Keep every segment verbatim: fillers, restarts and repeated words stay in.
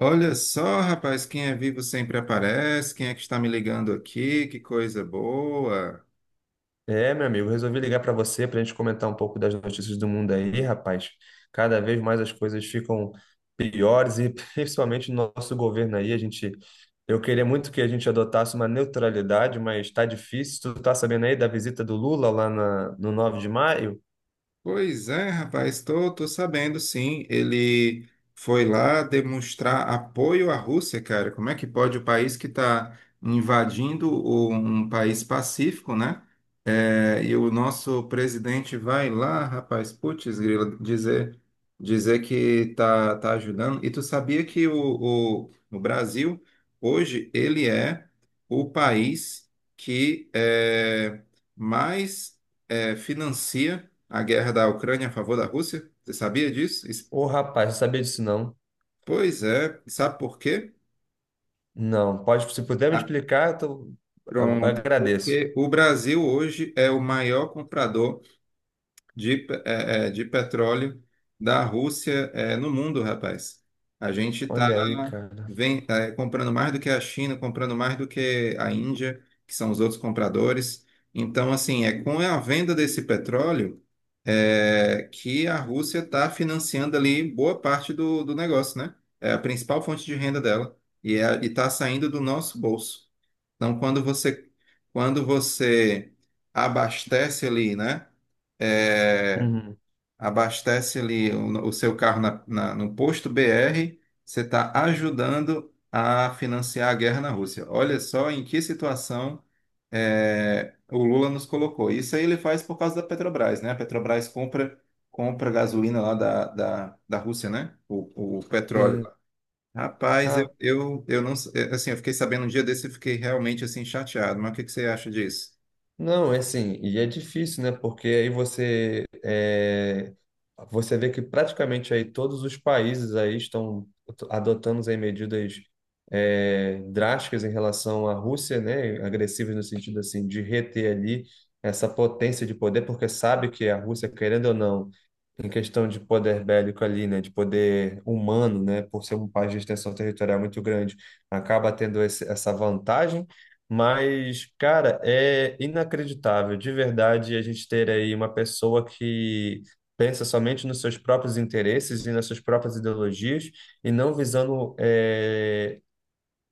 Olha só, rapaz, quem é vivo sempre aparece. Quem é que está me ligando aqui? Que coisa boa. É, meu amigo, resolvi ligar para você para a gente comentar um pouco das notícias do mundo aí, rapaz. Cada vez mais as coisas ficam piores e principalmente no nosso governo aí, a gente eu queria muito que a gente adotasse uma neutralidade, mas tá difícil. Tu tá sabendo aí da visita do Lula lá na, no nove de maio? Pois é, rapaz, estou tô, tô sabendo sim. Ele foi lá demonstrar apoio à Rússia, cara. Como é que pode o país que está invadindo o- um país pacífico, né? É, e o nosso presidente vai lá, rapaz, putz, grila, dizer, dizer que tá, tá ajudando. E tu sabia que o, o, o Brasil, hoje, ele é o país que é, mais é, financia a guerra da Ucrânia a favor da Rússia? Você sabia disso? Isso- Ô, rapaz, não sabia disso não. Pois é. Sabe por quê? Não, pode, se puder me Ah, explicar, eu, tô- eu pronto. agradeço. Porque o Brasil hoje é o maior comprador de, pe- é, é, de petróleo da Rússia é, no mundo, rapaz. A gente está Olha aí, cara. comprando mais do que a China, comprando mais do que a Índia, que são os outros compradores. Então, assim, é com a venda desse petróleo é, que a Rússia está financiando ali boa parte do, do negócio, né? É a principal fonte de renda dela e é, e está saindo do nosso bolso. Então, quando você, quando você abastece ali, né? é, Uhum. abastece ali o, o seu carro na- na- no posto B R, você está ajudando a financiar a guerra na Rússia. Olha só em que situação é, o Lula nos colocou. Isso aí ele faz por causa da Petrobras, né? A Petrobras compra, compra gasolina lá da, da, da Rússia, né? O, o petróleo. Sim. Rapaz, eu, eu, eu não, assim, eu fiquei sabendo um dia desse e fiquei realmente assim chateado, mas o que que você acha disso? Não, é assim, e é difícil, né? Porque aí você é, você vê que praticamente aí todos os países aí estão adotando aí medidas é, drásticas em relação à Rússia, né? Agressivas no sentido assim de reter ali essa potência de poder, porque sabe que a Rússia, querendo ou não, em questão de poder bélico ali, né, de poder humano, né, por ser um país de extensão territorial muito grande, acaba tendo esse- essa vantagem. Mas, cara, é inacreditável, de verdade, a gente ter aí uma pessoa que pensa somente nos seus próprios interesses e nas suas próprias ideologias e não visando, é,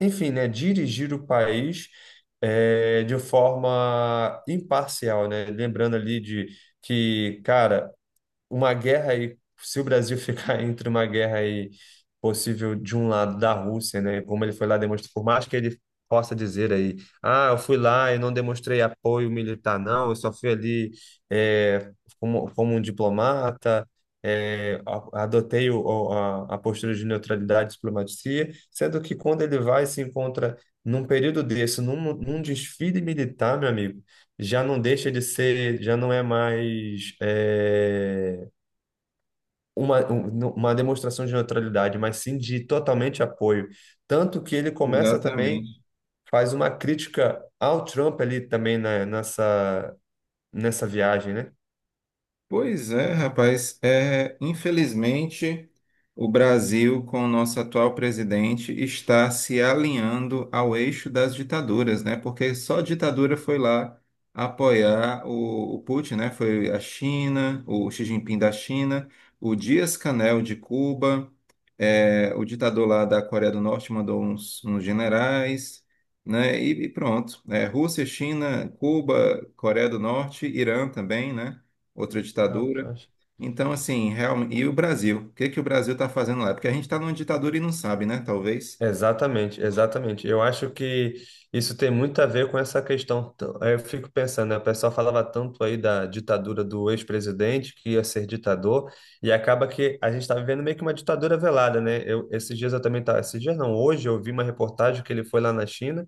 enfim, né, dirigir o país é, de forma imparcial, né? Lembrando ali de que, cara, uma guerra aí, se o Brasil ficar entre uma guerra aí possível de um lado da Rússia, né, como ele foi lá demonstrar, por mais que ele possa dizer aí, ah, eu fui lá e não demonstrei apoio militar, não, eu só fui ali é, como, como um diplomata, é, a- adotei o, o- a, a postura de neutralidade e diplomacia, sendo que quando ele vai e se encontra num período desse, num, num desfile militar, meu amigo, já não deixa de ser, já não é mais eh, uma, um- uma demonstração de neutralidade, mas sim de totalmente apoio. Tanto que ele começa também, Exatamente. faz uma crítica ao Trump ali também na, nessa, nessa viagem, né? Pois é, rapaz. É, infelizmente, o Brasil, com o nosso atual presidente, está se alinhando ao eixo das ditaduras, né? Porque só ditadura foi lá apoiar o, o Putin, né? Foi a China, o Xi Jinping da China, o Dias-Canel de Cuba, é, o ditador lá da Coreia do Norte mandou uns, uns generais, né? E, e pronto. É, Rússia, China, Cuba, Coreia do Norte, Irã também, né? outra ditadura. Rapaz. Então, assim, realmente. E o Brasil? O que que o Brasil está fazendo lá? Porque a gente está numa ditadura e não sabe, né? Talvez. Exatamente, exatamente. Eu acho que isso tem muito a ver com essa questão. T- Eu fico pensando, né? O pessoal falava tanto aí da ditadura do ex-presidente, que ia ser ditador, e acaba que a gente está vivendo meio que uma ditadura velada, né? Eu, esses dias eu também tá, esses dias não, hoje eu vi uma reportagem que ele foi lá na China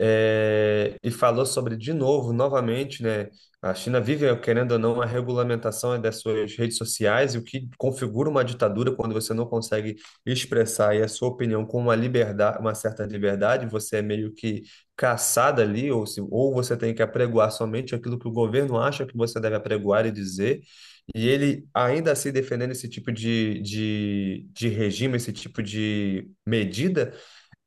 é, e falou sobre, de novo, novamente, né? A China vive, querendo ou não, a regulamentação das suas redes sociais, e o que configura uma ditadura quando você não consegue expressar aí a sua opinião com uma liberdade, uma certa liberdade, você é meio que caçado ali, ou, se, ou você tem que apregoar somente aquilo que o governo acha que você deve apregoar e dizer. E ele ainda assim defendendo esse tipo de, de, de regime, esse tipo de medida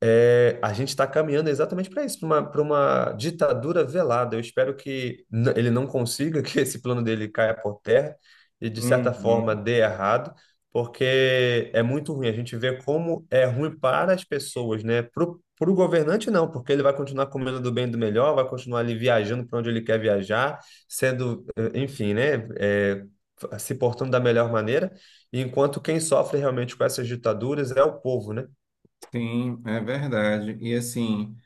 é, a gente está caminhando exatamente para isso, para uma, pra uma ditadura velada. Eu espero que n- ele não consiga, que esse plano dele caia por terra e, de certa forma, Uhum. dê errado, porque é muito ruim. A gente vê como é ruim para as pessoas, né? Para o governante, não, porque ele vai continuar comendo do bem e do melhor, vai continuar ali viajando para onde ele quer viajar, sendo, eh, enfim, né? Eh, f- se portando da melhor maneira, enquanto quem sofre realmente com essas ditaduras é o povo, né? Sim, é verdade. E assim.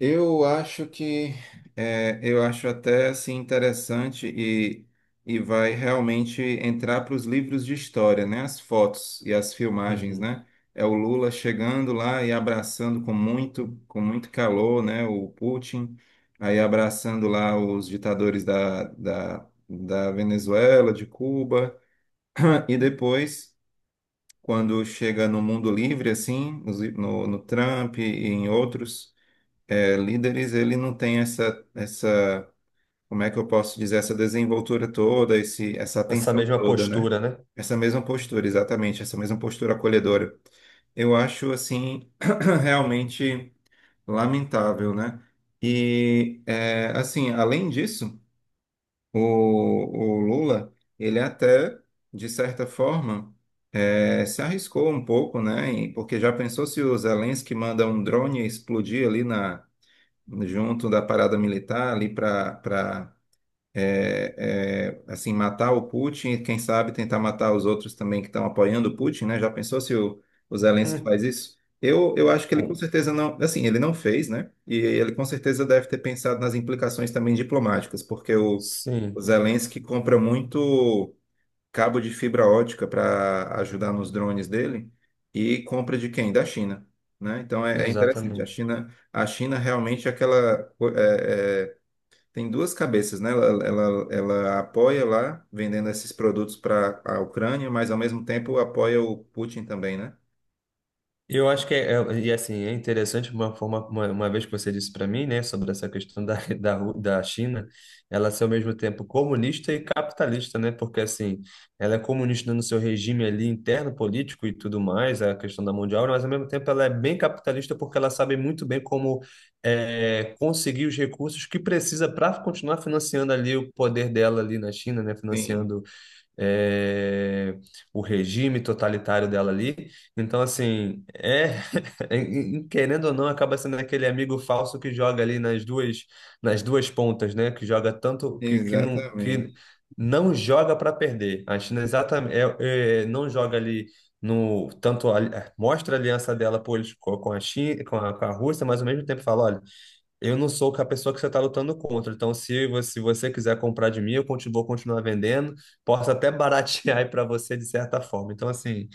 Eu acho que é, eu acho até assim interessante e, e vai realmente entrar para os livros de história, né? As fotos e as filmagens, Uhum. né? É o Lula chegando lá e abraçando com muito com muito calor, né? O Putin aí abraçando lá os ditadores da, da, da Venezuela, de Cuba e depois quando chega no Mundo Livre assim, nos li- no, no Trump e em outros é, líderes, ele não tem essa, essa, como é que eu posso dizer, essa desenvoltura toda, esse, essa Essa atenção mesma toda, né? postura, né? Essa mesma postura, exatamente, essa mesma postura acolhedora. Eu acho, assim, realmente lamentável, né? E, é, assim, além disso, o, o Lula, ele até, de certa forma, é, se arriscou um pouco, né? E- Porque já pensou se o Zelensky manda um drone explodir ali na junto da parada militar ali para para assim matar o Putin e quem sabe tentar matar os outros também que estão apoiando o Putin, né? Já pensou se o, o Zelensky Hum. faz isso? Eu, eu acho que ele com Um- certeza não, assim, ele não fez, né? E ele com certeza deve ter pensado nas implicações também diplomáticas, porque o, o Sim, Zelensky compra muito cabo de fibra ótica para ajudar nos drones dele e compra de quem? Da China, né? Então é, é interessante. A exatamente. China, a China realmente é aquela co- é, é, tem duas cabeças, né? Ela, ela, ela apoia lá vendendo esses produtos para a Ucrânia, mas ao mesmo tempo apoia o Putin também, né? Eu acho que é, é- e assim, é interessante uma forma, uma, uma vez que você disse para mim, né, sobre essa questão da, da, Ru- da China, ela ser ao mesmo tempo comunista e capitalista, né? Porque assim, ela é comunista no seu regime ali interno político e tudo mais, a questão da mão de obra, mas ao mesmo tempo ela é bem capitalista porque ela sabe muito bem como é, conseguir os recursos que precisa para continuar financiando ali o poder dela ali na China, né? Sim, Financiando é, o regime totalitário dela ali. Então, assim, é, em- em- querendo ou não, acaba sendo aquele amigo falso que joga ali nas duas, nas duas pontas, né? Que joga tanto que, que não que exatamente. não joga para perder. A China exatamente é, é, não joga ali no tanto ali- Mostra a aliança dela, pô, eles co- com a China, com a, com a Rússia, mas ao mesmo tempo fala, olha, eu não sou a pessoa que você está lutando contra. Então, se você, se você quiser comprar de mim, eu continuo, vou continuar vendendo. Posso até baratear aí para você de certa forma. Então, assim,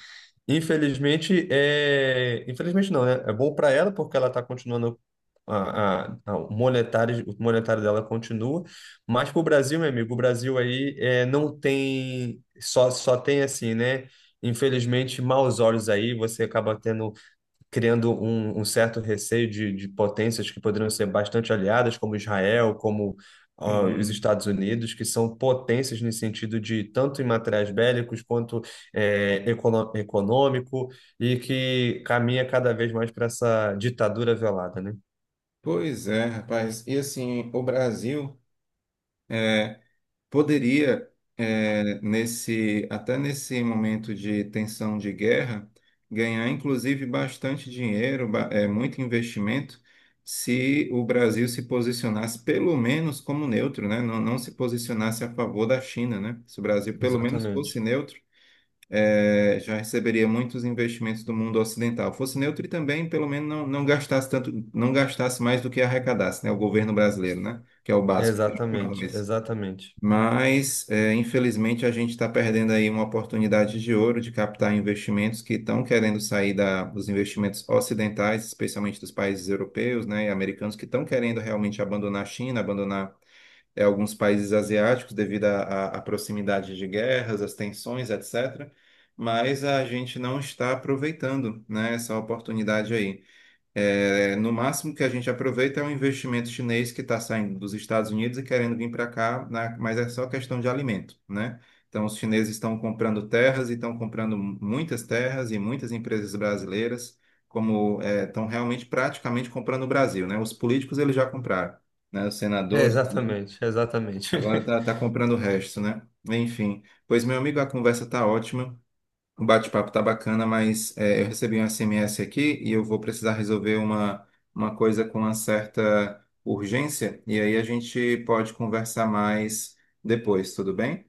infelizmente, é... infelizmente não, né? É bom para ela porque ela está continuando a, a, a- o monetário, o monetário dela continua. Mas para o Brasil, meu amigo, o Brasil aí é, não tem só só tem assim, né? Infelizmente, maus olhos aí. Você acaba tendo criando um, um certo receio de, de potências que poderiam ser bastante aliadas, como Israel, como ah, os Sim. Estados Unidos, que são potências no sentido de tanto em materiais bélicos quanto eh, econo- econômico, e que caminha cada vez mais para essa ditadura velada, né? Pois é, rapaz. E assim, o Brasil é, poderia eh, nesse até nesse momento de tensão de guerra ganhar inclusive bastante dinheiro, ba- eh, muito investimento, se o Brasil se posicionasse pelo menos como neutro, né? Não, não se posicionasse a favor da China, né? Se o Brasil pelo menos fosse Exatamente. neutro, eh, já receberia muitos investimentos do mundo ocidental. Fosse neutro e também pelo menos não, não gastasse tanto, não gastasse mais do que arrecadasse, né? O governo brasileiro, né? Que é o básico. Exatamente, exatamente. Mas, é, infelizmente, a gente está perdendo aí uma oportunidade de ouro de captar investimentos que estão querendo sair da- dos investimentos ocidentais, especialmente dos países europeus, né, e americanos, que estão querendo realmente abandonar a China, abandonar, é, alguns países asiáticos devido à à- à proximidade de guerras, às tensões, et cetera. Mas a gente não está aproveitando, né, essa oportunidade aí. É, no máximo que a gente aproveita é um investimento chinês que está saindo dos Estados Unidos e querendo vir para cá, na- mas é só questão de alimento, né? Então, os chineses estão comprando terras e estão comprando muitas terras e muitas empresas brasileiras, como é, estão realmente praticamente comprando o Brasil, né? Os políticos eles já compraram, né? O É, senador ali, exatamente, exatamente. agora está comprando o resto, né? Enfim, pois meu amigo, a conversa está ótima, o bate-papo tá bacana, mas é, eu recebi um S M S aqui e eu vou precisar resolver uma, uma coisa com uma certa urgência. E aí a gente pode conversar mais depois, tudo bem?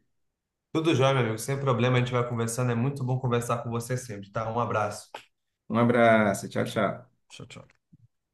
Tudo jóia, meu amigo, sem problema, a gente vai conversando. É muito bom conversar com você sempre, tá? Um abraço. Um abraço, tchau, tchau. Tchau, tchau.